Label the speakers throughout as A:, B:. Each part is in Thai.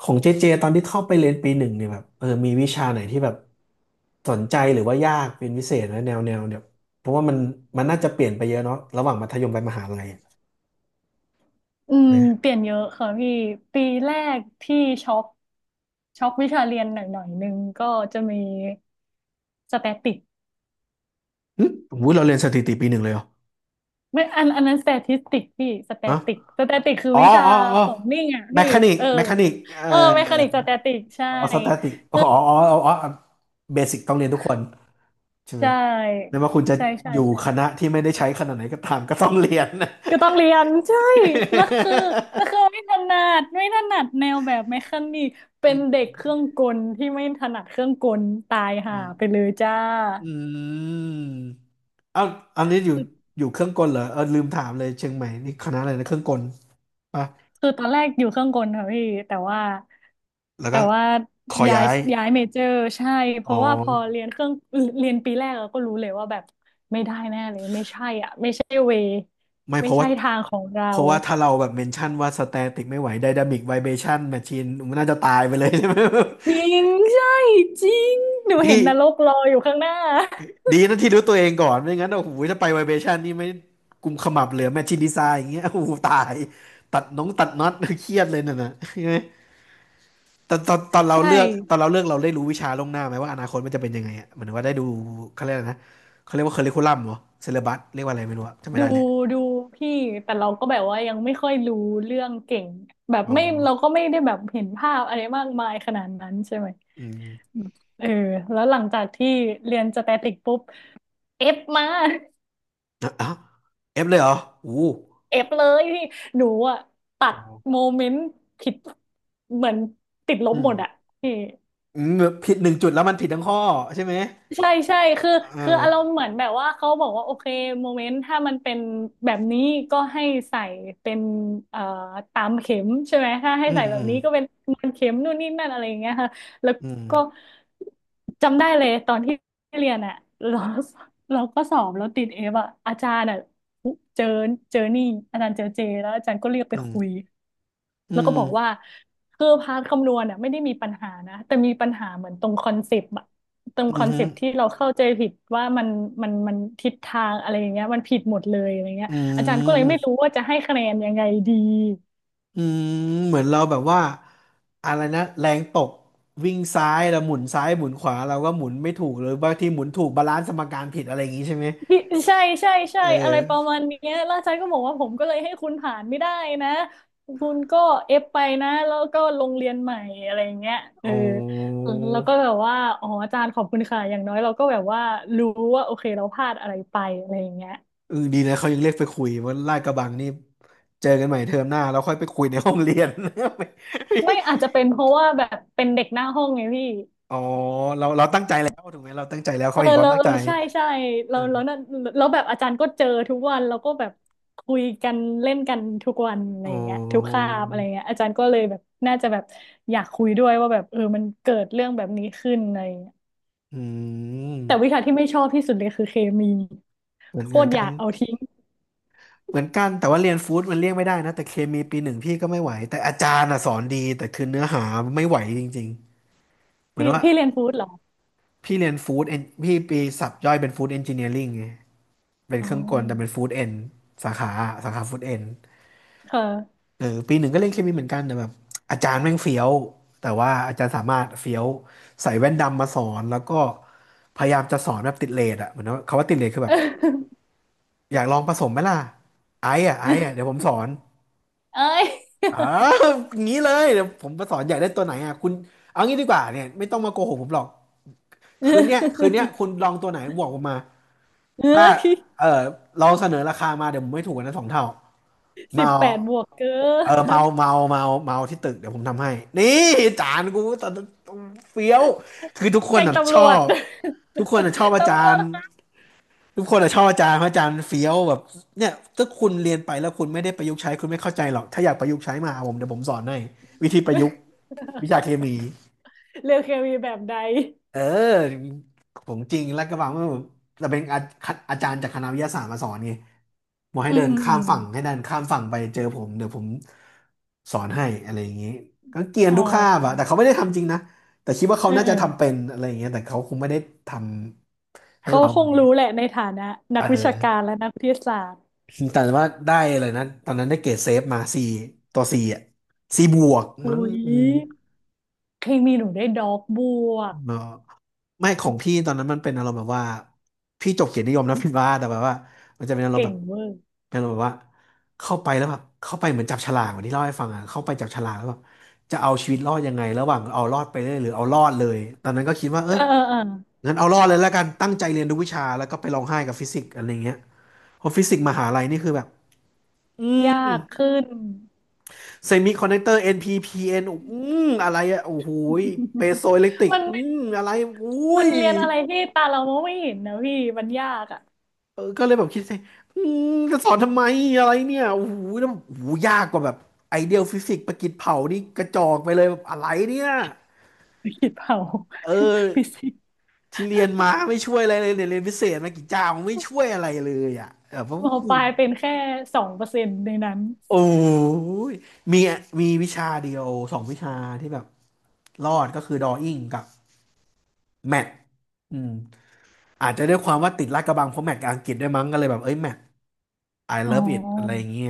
A: ของเจเจตอนที่เข้าไปเรียนปีหนึ่งเนี่ยแบบมีวิชาไหนที่แบบสนใจหรือว่ายากเป็นพิเศษนะแนวเนี่ยเพราะว่ามันน่าจะเปลี่ยนไปเยอะเนาะระหว่างมัธยมไปมหาลัย
B: อืม
A: ไห
B: เป
A: ม
B: ลี่ยนเยอะค่ะพี่ปีแรกที่ช็อกช็อกวิชาเรียนหน่อยหน่อยนึงก็จะมีสแตติก
A: หึอุ้ยเราเรียนสถิติปีหนึ่งเลยเหรอ
B: ไม่อันนั้นสแตติสติกพี่สแต
A: ฮะ
B: ติกคือ
A: อ๋อ
B: วิชา
A: อ๋ออ๋อ
B: ของนิ่งอ่ะ
A: แม
B: พี่
A: คานิก
B: เออ
A: แมคานิก
B: เออเมคานิกสแตติกใช่
A: อ๋อสแตติกอ๋ออ๋ออ๋อเบสิกต้องเรียนทุกคนใช่
B: ใช
A: ไหมไม่
B: ่
A: ว่าคุณจะ
B: ใช่ใช่
A: อยู่ค
B: ใช่
A: ณะที่ไม่ได้ใช้ขนาดไหนก็ตามก็ต้องเรียนนะ
B: ก็ต้องเรียนใช่แล้วคือแล้วคือไม่ถนัดไม่ถนัดแนวแบบเมคานิกเป็นเด็กเครื่องกลที่ไม่ถนัดเครื่องกลตาย
A: อื
B: ห่า
A: ม
B: ไปเลยจ้า
A: อืมเอาอันนี้อยู่อยู่เครื่องกลเหรอเออลืมถามเลยเชียงใหม่นี่คณะอะไรนะเครื่องกลปะ
B: คือตอนแรกอยู่เครื่องกลค่ะพี่แต่ว่า
A: แล้ว
B: แต่
A: ก็
B: ว่า
A: ขอ
B: ย้า
A: ย้า
B: ย
A: ย
B: ย้ายเมเจอร์ใช่เพ
A: อ๋อ
B: ราะว่าพอเรียนเครื่องเรียนปีแรกเราก็รู้เลยว่าแบบไม่ได้แน่เลยไม่ใช่อ่ะไม่ใช่เว
A: ไม่เพ
B: ไม่
A: ราะ
B: ใช่
A: ว่า
B: ทางของเรา
A: เพราะว่าถ้าเราแบบเมนชั่นว่าสแตติกไม่ไหวไดนามิกไวเบชั่นแมชชีนมันน่าจะตายไปเลย ใช่ไหม
B: จริงใช่จริงหนู เห็
A: ดี
B: นนรกรออยู่ข้างหน้า
A: ดีนะที่รู้ตัวเองก่อนไม่งั้นโอ้โหถ้าไปไวเบชั่นนี่ไม่กุมขมับเหลือแมชชีนดีไซน์อย่างเงี้ยโอ้โหตายตัดน้องตัดน็อต เครียดเลยนั่นน่ะ ใช่ไหม ตอน เรา
B: ใช่
A: เลือกตอนเราเลือกเราได้รู้วิชาล่วงหน้าไหมว่าอนาคตมันจะเป็นยังไงอ่ะเหมือนว่าได้ดูเขาเรียกอะไรนะเขาเรียกว่าเคอริคูลัมเหรอเซเลบัสเรียกว่าอะไรไม่รู้อะจำไม่
B: ดู
A: ได้แหละ
B: ดูพี่แต่เราก็แบบว่ายังไม่ค่อยรู้เรื่องเก่งแบบ
A: อ๋อ
B: ไม่เราก็ไม่ได้แบบเห็นภาพอะไรมากมายขนาดนั้นใช่ไหม
A: อืม
B: เออแล้วหลังจากที่เรียนสแตติกปุ๊บเอฟมา
A: อ้าวเอฟเลยเหรออู้
B: เอฟเลยพี่หนูอ่ะตั
A: อ๋
B: ด
A: อ
B: โมเมนต์ผิดเหมือนติดล
A: อื
B: บห
A: ม
B: มดอ่ะพี่
A: อืมผิดหนึ่งจุดแล้วมันผิดทั้งข้อใช่ไหม
B: ใช่ใช่คือ
A: อ่า
B: คืออารมณ์เหมือนแบบว่าเขาบอกว่าโอเคโมเมนต์ถ้ามันเป็นแบบนี้ก็ให้ใส่เป็นเอ่อตามเข็มใช่ไหมถ้าให้
A: อืม
B: ใส่แบ
A: อื
B: บ
A: ม
B: นี้ก็เป็นมันเข็มนู่นนี่นั่นอะไรอย่างเงี้ยค่ะแล้ว
A: อืม
B: ก็จำได้เลยตอนที่เรียนอ่ะเราเราก็สอบแล้วติดเอฟอ่ะอาจารย์อ่ะเจอนี่อาจารย์เจอเจแล้วอาจารย์ก็เรียกไป
A: อืม
B: คุย
A: อื
B: แล้วก็
A: ม
B: บอกว่าคือพาร์ทคำนวณอ่ะไม่ได้มีปัญหานะแต่มีปัญหาเหมือนตรงคอนเซปต์ ตรง
A: อื
B: คอนเซปต์ที่
A: ม
B: เราเข้าใจผิดว่ามันทิศทางอะไรอย่างเงี้ยมันผิดหมดเลยอะไรเงี้ย
A: อื
B: อาจารย์ก็เลยไม่รู้
A: ม
B: ว่าจะให้คะแนนยังไงดี
A: อืมเหมือนเราแบบว่าอะไรนะแรงตกวิ่งซ้ายแล้วหมุนซ้ายหมุนขวาเราก็หมุนไม่ถูกหรือบางทีหมุนถูกบาลานซ์สมการผิดอะไรอย่างงี้ใช่ไหม
B: พี่ใช่ใช่ใช่
A: เอ
B: อะไรประ
A: อ
B: มาณเนี้ยแล้วอาจารย์ก็บอกว่าผมก็เลยให้คุณผ่านไม่ได้นะคุณก็เอฟไปนะแล้วก็ลงเรียนใหม่อะไรอย่างเงี้ยเออ
A: โอ้
B: แล้วก็แบบว่าอ๋ออาจารย์ขอบคุณค่ะอย่างน้อยเราก็แบบว่ารู้ว่าโอเคเราพลาดอะไรไปอะไรอย่างเงี้ย
A: เออดีนะเขายังเรียกไปคุยว่าลาดกระบังนี่เจอกันใหม่เทอมหน้าเราค่อยไปคุยในห้องเรียน
B: ไม่อาจจะเป็นเพราะว่าแบบเป็นเด็กหน้าห้องไงพี่
A: อ๋อเราเราตั้งใจแล้วถูกไหมเราตั้งใจแล้ว
B: เอ
A: เขา
B: อ
A: เห็นความ
B: เรา
A: ตั้ง
B: เออ
A: ใจ
B: ใช่ใช่เรานั่
A: อ่า
B: นแแบบอาจารย์ก็เจอทุกวันเราก็แบบคุยกันเล่นกันทุกวันอะไร
A: อ๋อ
B: อย่างเงี้ยทุกคาบอะไรเงี้ยอาจารย์ก็เลยแบบน่าจะแบบอยากคุยด้วยว่าแบบเออมันเกิดเรื่องแบบนี้ขึ้นอะไรอย่างเงี้ย
A: อื
B: แต่
A: ม
B: วิชาที่ไม่ชอบที่สุดเลยคือเคมี
A: เหมือน
B: โค
A: เหมือ
B: ต
A: น
B: รอ
A: กั
B: ยา
A: น
B: กเอาทิ้ง
A: เหมือนกันแต่ว่าเรียนฟู้ดมันเลี่ยงไม่ได้นะแต่เคมีปีหนึ่งพี่ก็ไม่ไหวแต่อาจารย์อ่ะสอนดีแต่คือเนื้อหาไม่ไหวจริงๆเหมือน
B: พี่
A: ว่า
B: พี่เรียนฟู้ดเหรอ
A: พี่เรียนฟู้ดเอนพี่ปีสับย่อยเป็นฟู้ดเอนจิเนียริงไงเป็น
B: อ๋อ
A: เครื่องกลแต่เป็นฟู้ดเอนสาขาสาขาฟู้ดเอน
B: ค่ะ
A: เออปีหนึ่งก็เรียนเคมีเหมือนกันแต่แบบอาจารย์แม่งเฟี้ยวแต่ว่าอาจารย์สามารถเฟี้ยวใส่แว่นดำมาสอนแล้วก็พยายามจะสอนแบบติดเรทอะเหมือนว่าคำว่าติดเรทคือแบบอยากลองผสมไหมล่ะไอ้อะเดี๋ยวผมสอน
B: เอ้ ย
A: เอออย่างนี้เลยเดี๋ยวผมมาสอนใยญ่ได้ตัวไหนอ่ะคุณเอางี้ดีกว่าเนี่ยไม่ต้องมาโกหกผมหรอก คืนเนี้ยคุณลองตัวไหนบอกผมมา
B: เอ้
A: ถ้า
B: ย
A: เออเราเสนอราคามาเดี๋ยวผมไม่ถูกกว่านะสองเท่า
B: สิบ
A: เมา
B: แปดบวกเกิ
A: เอาเออเมา
B: น
A: เมาเมาเมาที่ตึกเดี๋ยวผมทำให้ นี่จานกูตอนเฟี้ยว คือทุกค
B: แจ้
A: น
B: ง
A: น่ะช
B: ตำรว
A: อ
B: จ
A: บ ทุกคนน่ะชอบ อา
B: ตำร
A: จา
B: ว
A: ร
B: จ
A: ย์ ทุกคนอะชอบอาจารย์เพราะอาจารย์เฟี้ยวแบบเนี่ยถ้าคุณเรียนไปแล้วคุณไม่ได้ประยุกต์ใช้คุณไม่เข้าใจหรอกถ้าอยากประยุกต์ใช้มาหาผมเดี๋ยวผมสอนให้วิธีประยุกต์วิชาเค มี
B: เลือกเคมีแบบใด
A: เออของจริงลาดกระบังมันเราเป็นอาอาจารย์จากคณะวิทยาศาสตร์มาสอนไงบอกให้
B: อืม
A: เดิน
B: อืม
A: ข้า
B: อื
A: ม
B: ม
A: ฝั่งให้เดินข้ามฝั่งไปเจอผมเดี๋ยวผมสอนให้อะไรอย่างนี้ก็เกรียน
B: อ๋อ
A: ทุกคาบอะแต่เขาไม่ได้ทำจริงนะแต่คิดว่า
B: เอ
A: เขา
B: อ
A: น่า
B: เออ
A: จะทำเป็นอะไรอย่างเงี้ยแต่เขาคงไม่ได้ทำให้
B: เขา
A: เรา
B: ค
A: อะไร
B: งรู้
A: เงี้ย
B: แหละในฐานะนั
A: เอ
B: กวิชากา
A: อ
B: รและนักวิทยาศาสตร์
A: แต่ว่าได้เลยนะตอนนั้นได้เกรดเซฟมาสี่ตัวสี่อ่ะสี่บวก
B: อุ้
A: มั้ง
B: ย
A: อืม
B: เคมีหนูได้ด็อกบวก
A: เนาะไม่ของพี่ตอนนั้นมันเป็นอารมณ์แบบว่าพี่จบเกียรตินิยมนะ พี่ว่าแต่แบบว่ามันจะเป็นอารมณ์
B: เก่
A: แบ
B: ง
A: บ
B: เวอร์
A: เป็นอารมณ์แบบว่าเข้าไปแล้วแบบเข้าไปเหมือนจับฉลากเหมือนที่เล่าให้ฟังอ่ะเข้าไปจับฉลากแล้วแบบจะเอาชีวิตรอดยังไงระหว่างเอารอดไปเรื่อยหรือเอารอดเลยตอนนั้นก็คิดว่าเออ
B: เออเออเอ
A: งั้นเอารอดเลยแล้วกันตั้งใจเรียนทุกวิชาแล้วก็ไปร้องไห้กับฟิสิกส์อะไรเงี้ยเพราะฟิสิกส์มหาลัยนี่คือแบบอื
B: อยา
A: ม
B: กขึ้น
A: เซมิคอนดักเตอร์ NPPN อนพีพีเอ็นอือะไรอะโอ้โหยเปโซอิเล็กตริ ก
B: มันไม่
A: อะไรอุ้
B: มั
A: ย
B: นเรียนอะไรที่ตาเรามองไม่เห็นนะพี่มันยากอะ
A: เออก็เลยแบบคิดสิอืจะสอนทำไมอะไรเนี่ยโอ้โหแล้วโอ้โหยากกว่าแบบไอเดียลฟิสิกส์ประกิจเผานี่กระจอกไปเลยแบบอะไรเนี่ย
B: คิดฤตเผา
A: เออ
B: ฟิสิกส์
A: ที่เรียนมาไม่ช่วยอะไรเลยเนี่ยเรียนพิเศษมากี่เจ้าไม่ช่วยอะไรเลยอ่ะเออผม
B: มปลายเป็นแค่2%ในนั้น
A: โอ้ยมีมีวิชาเดียวสองวิชาที่แบบรอดก็คือดอ w ิ n งกับแมทอืม อาจจะด้วยความว่าติดลาดกระบังเพราะแมตช์กับอังกฤษด้วยมั้งก็เลยแบบเอ้ยแมตช์ I
B: อ๋
A: love it อะไร
B: อ
A: อย่างเงี้ย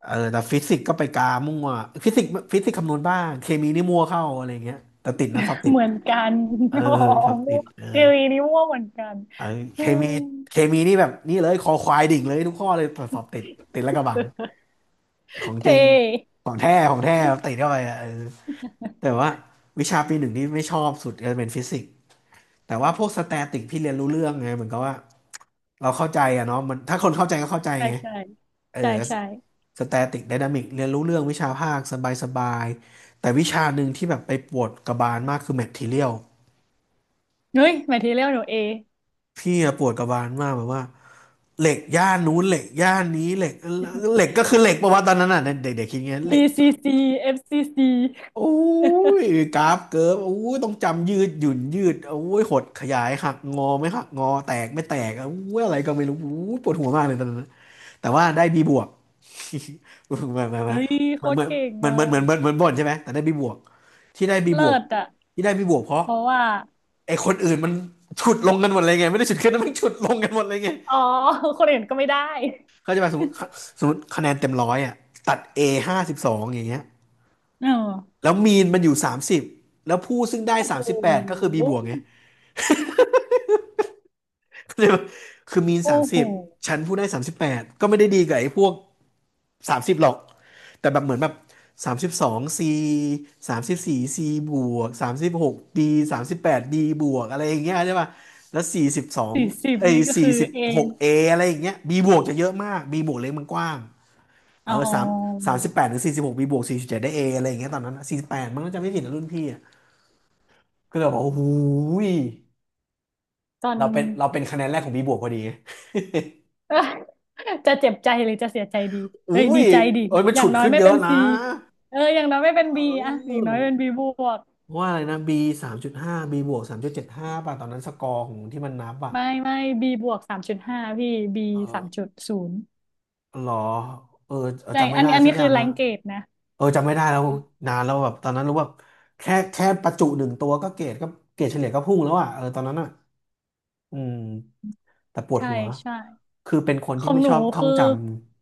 A: เออแต่ฟิสิกส์ก็ไปกามั่วฟิสิกส์คำนวณบ้างเคมีนี่มั่วเข้าอะไรอย่างเงี้ยแต่ติดนะสอบติด
B: เหมือนกัน
A: เอ อ
B: อ๋อ
A: สอบ
B: มั่
A: ติ
B: ว
A: ดเออ
B: เกลีนี้มั่วเหมือนกัน
A: เออเค
B: อื
A: มี
B: ม
A: เคมีนี่แบบนี่เลยคอควายดิ่งเลยทุกข้อเลยแต่สอบติดติดลาดกระบังของจ
B: เท่
A: ริงของแท้ติดเข้าไปอะเออแต่ว่าวิชาปีหนึ่งนี่ไม่ชอบสุดก็เป็นฟิสิกส์แต่ว่าพวกสแตติกพี่เรียนรู้เรื่องไงเหมือนกับว่าเราเข้าใจอะเนาะมันถ้าคนเข้าใจก็เข้าใจ
B: ใช่
A: ไง
B: ใช่
A: เอ
B: ใช่
A: อ
B: ใช่
A: สแตติกไดนามิกเรียนรู้เรื่องวิชาภาคสบายสบายแต่วิชาหนึ่งที่แบบไปปวดกระบาลมากคือแมททเรียล
B: เฮ้ยหมายทีเรียกหนู A
A: พี่อะปวดกระบาลมากแบบว่าเหล็กย่านนู้นเหล็กย่านนี้เหล็กก็คือเหล็กปะวะตอนนั้นอ่ะเด็กๆคิดอย่างเงี้ยเหล็ก
B: BCC FCC FCC
A: โอ้ยกราฟเกิร์ฟโอ้ยต้องจำยืดหยุ่นยืดโอ้ยหดขยายหักงอไม่หักงอแตกไม่แตกโอ้ยอะไรก็ไม่รู้โอ้ยปวดหัวมากเลยตอนนั้นแต่ว่าได้บีบวก เห มือนเหมือน
B: เฮ้ยโคตรเก่งอ่ะ
A: เหมือนบ่นใช่ไหมแต่ได้บีบวกที่ได้บีบ
B: เลิ
A: วก
B: ศอ่ะ
A: ที่ได้บีบวกเพราะ
B: เพราะว่า
A: ไอ้คนอื่นมันฉุดลงกันหมดเลยไงไม่ได้ฉุดขึ้นนะมันฉุดลงกันหมดเลยไง
B: อ๋อ คนอื่นก็ไม่ได้
A: เขาจะมาสมมติคะแนนเต็มร้อยอ่ะตัด A 52อย่างเงี้ย
B: เออ
A: แล้วมีนมันอยู่สามสิบแล้วผู้ซึ่งได้
B: โอ้
A: สา
B: โห
A: มสิบแปดก็คือบีบวกไง เข้าใจปะคือมีน
B: โอ้
A: สาม
B: โห
A: สิบฉันผู้ได้สามสิบแปดก็ไม่ได้ดีกับไอ้พวก สามสิบหรอกแต่แบบเหมือนแบบ32ซี34ซีบวก36ดีสามสิบแปดดีบวกอะไรอย่างเงี้ยใช่ป่ะแล้ว42
B: 40
A: เอ้ย
B: นี่ก็
A: สี่
B: คือ
A: สิบ
B: เอ
A: หกเออะไรอย่างเงี้ยบีบวกจะเยอะมากบีบวกเล็กมันกว้างเอ
B: อ๋
A: อ
B: อ
A: สามสิบแปดถึงสี่สิบหกบีบวก47ได้เออะไรอย่างเงี้ยตอนนั้น48มันก็จะไม่ผิดนะรุ่นพี่อะก็เลยบอกโอ้โหย
B: ตอน
A: เราเป็นคะแนนแรกของบีบวกพอดี
B: เออจะเจ็บใจหรือจะเสียใจดี
A: อุ้
B: เอ้ยดี
A: ย
B: ใจดิ
A: เอ้ยมัน
B: อย่า
A: ฉุ
B: ง
A: ด
B: น้อย
A: ขึ้น
B: ไม่
A: เย
B: เป็
A: อะ
B: น
A: นะ
B: ซีเอออย่างน้อยไม่เป็น
A: เอ
B: บีอะอย่างน้
A: อ
B: อยเป็นบีบวก
A: ว่าอะไรนะบี3.5บีบวก3.75ป่ะตอนนั้นสกอร์ของที่มันนับอ่ะ
B: ไม่ไม่บีบวก3.5พี่บี
A: เอ
B: สาม
A: อ
B: จุดศูนย์
A: หรอเออเออ
B: ใช่
A: จำไม่
B: อัน
A: ได้
B: นี้อัน
A: สัก
B: นี้
A: อ
B: คื
A: ย่าง
B: อแร
A: นะ
B: งเกรดนะ
A: เออจำไม่ได้แล้วนานแล้วแบบตอนนั้นรู้ว่าแค่ประจุหนึ่งตัวก็เกรดก็เกรดเฉลี่ยก็พุ่งแล้วอ่ะเออตอนนั้นอ่ะอืมแต่ปวด
B: ใช่
A: หัว
B: ใช่
A: คือเป็นคน
B: ข
A: ที่
B: อง
A: ไม่
B: ห
A: ช
B: นู
A: อบท่อ
B: คื
A: ง
B: อ
A: จ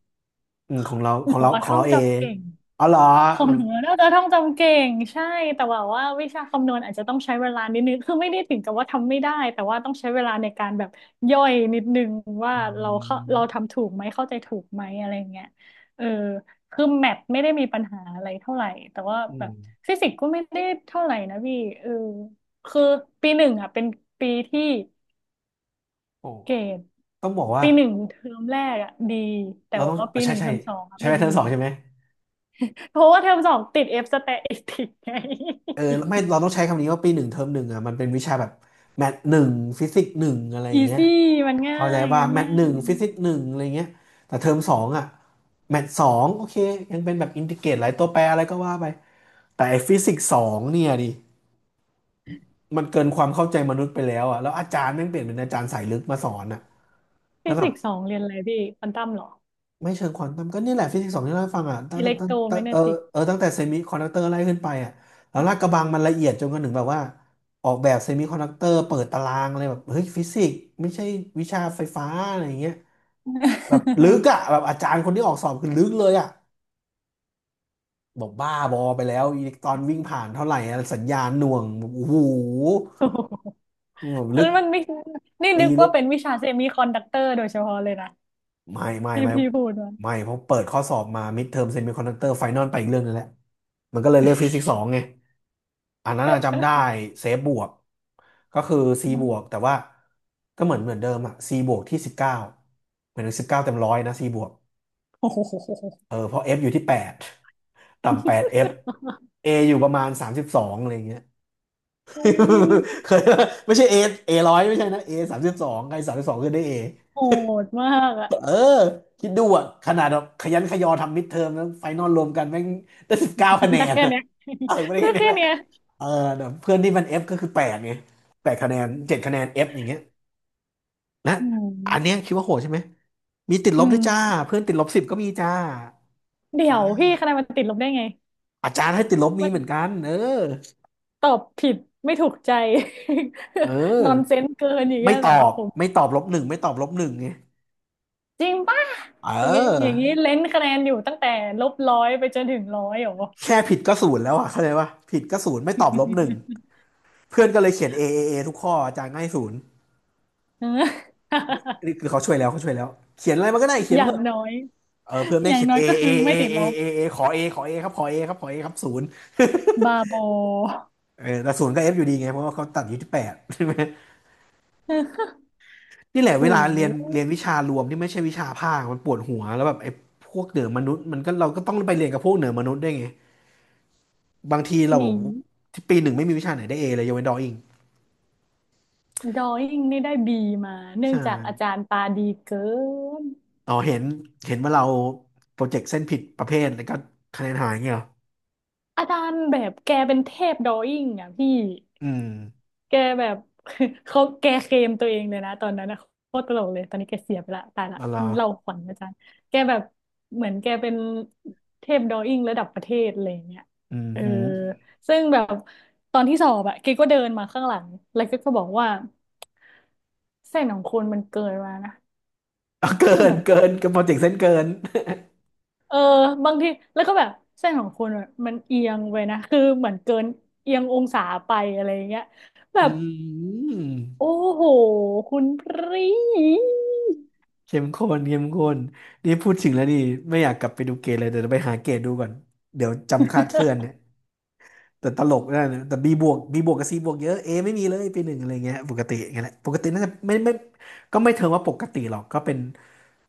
A: ำ
B: หนูอะ
A: ของ
B: ท่อง
A: เราเอ
B: จำ
A: ง
B: เก่ง
A: อ๋อเหรอ
B: ขอ
A: เออ
B: งหนูน่าจะท่องจำเก่งใช่แต่ว่าว่าวิชาคำนวณอาจจะต้องใช้เวลานิดนึงคือไม่ได้ถึงกับว่าทำไม่ได้แต่ว่าต้องใช้เวลาในการแบบย่อยนิดนึงว่า
A: อื
B: เราเข้าเรา
A: ม
B: ทำถูกไหมเข้าใจถูกไหมอะไรเงี้ยเออคือแมทไม่ได้มีปัญหาอะไรเท่าไหร่แต่ว่า
A: อื
B: แบ
A: ม
B: บฟิสิกส์ก็ไม่ได้เท่าไหร่นะพี่เออคือปีหนึ่งอ่ะเป็นปีที่
A: โอ้
B: เกรด
A: ต้องบอกว่า
B: ปีหนึ่งเทอมแรกอ่ะดีแต่
A: เราต้อง
B: ว่า
A: เออ
B: ปีห
A: ใช่
B: นึ่งเท
A: ใช่
B: อมสองอ่ะ
A: ใช่ไห
B: ไม่
A: ม
B: ดี
A: เทอมสองใช่ไหม
B: เพราะว่าเทอมสองติด F สแตติกไง
A: เออไม่เราต้องใช้คำนี้ว่าปีหนึ่งเทอมหนึ่งอ่ะมันเป็นวิชาแบบแมทหนึ่งฟิสิกส์หนึ่งอะไรอ
B: อี
A: ย่างเงี้ย
B: ซี่มันง่า
A: เข้าใจ
B: ย
A: ว่า
B: มัน
A: แมท
B: ง่า
A: ห
B: ย
A: นึ่งฟิสิกส์หนึ่งอะไรเงี้ยแต่เทอมสองอ่ะแมทสองโอเคยังเป็นแบบอินทิเกรตหลายตัวแปรอะไรก็ว่าไปแต่ไอ้ฟิสิกส์สองเนี่ยดิมันเกินความเข้าใจมนุษย์ไปแล้วอ่ะแล้วอาจารย์แม่งเปลี่ยนเป็นอาจารย์สายลึกมาสอนอ่ะ
B: ฟิ
A: แล้วแบ
B: สิ
A: บ
B: กส์สองเรียนอะไรพี่ควอนตัมเหรอ
A: ไม่เชิงควอนตัมก็นี่แหละฟิสิกส์สองที่เราให้ฟังอ่ะ
B: อิเล็กโทร
A: ตั้
B: แม
A: ง
B: กเน
A: เออ
B: ติก
A: เออตั้งแต่เซมิคอนดักเตอร์ไล่ขึ้นไปอ่ะแล้วลากกระบังมันละเอียดจนกระทั่งแบบว่าออกแบบเซมิคอนดักเตอร์เปิดตารางอะไรแบบเฮ้ยฟิสิกส์ไม่ใช่วิชาไฟฟ้าอะไรอย่างเงี้ยแบบลึก อ่ะแบบอาจารย์คนที่ออกสอบคือลึกเลยอ่ะบอกบ้าบอไปแล้วอิเล็กตรอนวิ่งผ่านเท่าไหร่อะสัญญาณหน่วงแบบโอ้โห
B: โอ้โห
A: แบบ
B: อัน
A: ลึก
B: นั้นมันไม่นี่
A: ตี
B: นึก
A: ลึ
B: ว่า
A: ก
B: เป็นวิชาเซมิคอนดักเตอร์โดยเฉพาะเลยนะ
A: ไม่ไม่
B: ที่
A: ไม่
B: พี่พูดมา
A: ไม่เพราะเปิดข้อสอบมามิดเทอมเซมิคอนดักเตอร์ไฟนอลไปอีกเรื่องนึงแล้วมันก็เลยเรียกฟิสิกส์สองไง อันนั้นอะจำได้เซฟบวกก็คือ C บวกแต่ว่าก็เหมือนเดิมอะ C บวกที่19เหมือน19เต็มร้อยนะ C บวก
B: โอ้โห
A: เออเพราะ F อยู่ที่8ต่ำ8 F A อยู่ประมาณ32อะไรอย่างเงี้ย
B: โอุ ย
A: เคยไม่ใช่ A A ร้อยไม่ใช่นะ A สามสิบสองใคร32ขึ้นได้ A
B: โหดมากอะ
A: เออคิดดูอะขนาดแบบขยันขยอทำมิดเทอมแล้วไฟนอลรวมกันแม่งได้สิบเก้าคะแน
B: ได้
A: น
B: แค่
A: อะ
B: เนี้ย
A: เออไม่ได้
B: ได้
A: แค่นี้
B: แค่เนี้ย
A: เออแต่เพื่อนที่มันเฟก็คือแปดไงแปดคะแนน7คะแนนเอฟอย่างเงี้ยนะ
B: อื
A: อันเนี้ย
B: ม
A: คิดว่าโหดใช่ไหมมีติดล
B: อื
A: บด้วยจ้า
B: ม
A: เพื่อนติดลบสิบก็มีจ้า
B: เดี๋
A: อ่
B: ยวพี่
A: า
B: คะแนนมันติดลบได้ไง
A: อาจารย์ให้ติดลบมีเหมือนกันเออ
B: ตอบผิดไม่ถูกใจ
A: เออ
B: นอนเซนเกินอย่าง
A: ไม่
B: เงี้ย
A: ต
B: เหร
A: อ
B: อ
A: บ
B: ผม
A: ไม่ตอบลบหนึ่งไม่ตอบลบหนึ่งไง
B: จริงป่ะ
A: เ
B: อย่างงี้อย่าง
A: ออ
B: งี้เลนส์คะแนนอยู่ตั้งแต่ลบร้อยไปจนถึงร้อยเหรอ
A: แค่ผิดก็ศูนย์แล้วอะเข้าใจปะผิดก็ศูนย์ไม่ตอบลบหนึ่ง เพื่อนก็เลยเขียนเอเอเอทุกข้ออาจารย์ง่ายศูนย์
B: เออ
A: นี่คือเขาช่วยแล้วเขาช่วยแล้วเขียนอะไรมันก็ได้เขีย น
B: อ
A: มา
B: ย่า
A: เถ
B: ง
A: อะ
B: น้อย
A: เออเพื่อน
B: อ
A: แม่ง
B: ย่าง
A: เขียน
B: น้อย
A: A
B: ก็
A: A
B: คือ
A: A
B: ไม่ติด
A: A
B: ลบ
A: A A ขอ A ขอ A ครับขอ A ครับขอ A ครับศูนย์
B: บาโบอ
A: เออแต่ศูนย์ก็เอฟอยู่ดีไงเพราะว่าเขาตัดอยู่ที่แปดใช่ไหม นี่แหละ
B: โอ้
A: เวลา
B: โห
A: เรียนวิชารวมที่ไม่ใช่วิชาภาคมันปวดหัวแล้วแบบไอ้พวกเหนือมนุษย์มันก็เราก็ต้องไปเรียนกับพวกเหนือมนุษย์ได้วยไงบางทีเรา
B: หนี
A: ที่ปีหนึ่งไม่มีวิชาไหนได้เอเลยยกเว้นดออิง
B: ดรอยิ่งนี่ได้บีมาเนื่อง
A: ใช่
B: จากอาจารย์ตาดีเกิน
A: อ๋อเห็นว่าเราโปรเจกต์เส้นผิดประเภทแล้วก็คะแนนหายเงี้ยเหรอ
B: อาจารย์แบบแกเป็นเทพดรอยิ่งอ่ะพี่
A: อืม
B: แกแบบ เขาแกเคลมตัวเองเลยนะตอนนั้นนะโคตรตลกเลยตอนนี้แกเสียไปละตายละ
A: อ๋อเหรอ
B: เล่าขวัญอาจารย์แกแบบเหมือนแกเป็นเทพดรออิ่งระดับประเทศอะไรอย่างเงี้ย
A: อืม
B: เออ
A: หืม
B: ซึ่งแบบตอนที่สอบอะแกก็เดินมาข้างหลังแล้วแกก็บอกว่าเส้นของคุณมันเกินมานะ
A: เอาเกิ
B: มันแบ
A: น
B: บ
A: เกินกับโปรเจกต์เส้นเกิน
B: เออบางทีแล้วก็แบบเส้นของคุณอะมันเอียงไปนะคือเหมือนเกินเอียงองศาไปอะไรอย่างเงี้ยแบ
A: อื
B: บ
A: ม
B: โอ้โหคุณพรี
A: เข้มข้นเข้มข้นนี่พูดถึงแล้วนี่ไม่อยากกลับไปดูเกตเลย เดี๋ยวไปหาเกตดูก่อน เดี๋ยวจำคาดเคลื่อนเนี่ย แต่ตลกได้นะแต่ B บวก B บวกกับ C บวกเยอะ A ไม่มีเลยปีหนึ่งอะไรเงี้ยปกติอย่างเงี้ยแหละปกติน่าจะไม่ไม่ก็ไม่เทิงว่าปกติหรอกก็เป็น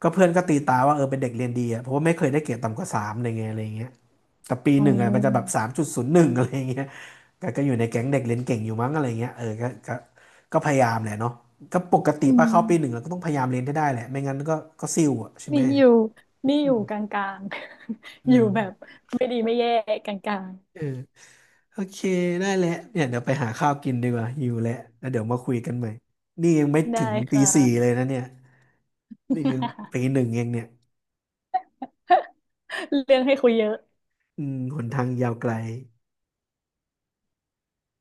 A: ก็เพื่อนก็ตีตาว่าเออเป็นเด็กเรียนดีอ่ะเพราะว่าไม่เคยได้เกรดต่ำกว่าสามอะไรเงี้ยอะไรเงี้ยแต่ปี
B: อ๋อ
A: หนึ่งอ่ะมันจะแบบ3.01อะไรเงี้ยก็อยู่ในแก๊งเด็กเรียนเก่งอยู่มั้งอะไรเงี้ยเออก็พยายามแหละเนาะก็ปกติ
B: อื
A: ป้าเข้าปีหนึ่ง
B: ม
A: เราก็ต้องพยายามเรียนให้ได้แหละไม่งั้นก็ซิ่วอ่ะใช่ไหม
B: นี่อยู่นี่อยู่กลางๆ
A: อื
B: อยู่
A: ม
B: แบบไม่ดีไม่แย่กลาง
A: เออ โอเคได้แหละเนี่ยเดี๋ยวไปหาข้าวกินดีกว่าหิวแล้วเดี๋ยวมาคุยกันใหม่ นี่ยังไม่
B: ๆได้
A: ถึงตี
B: ค่ะ
A: สี่เลยนะเนี่ยนี่ยังตี 1เองเนี่ย
B: เรื่องให้คุยเยอะ
A: อืมหนทางยาวไกล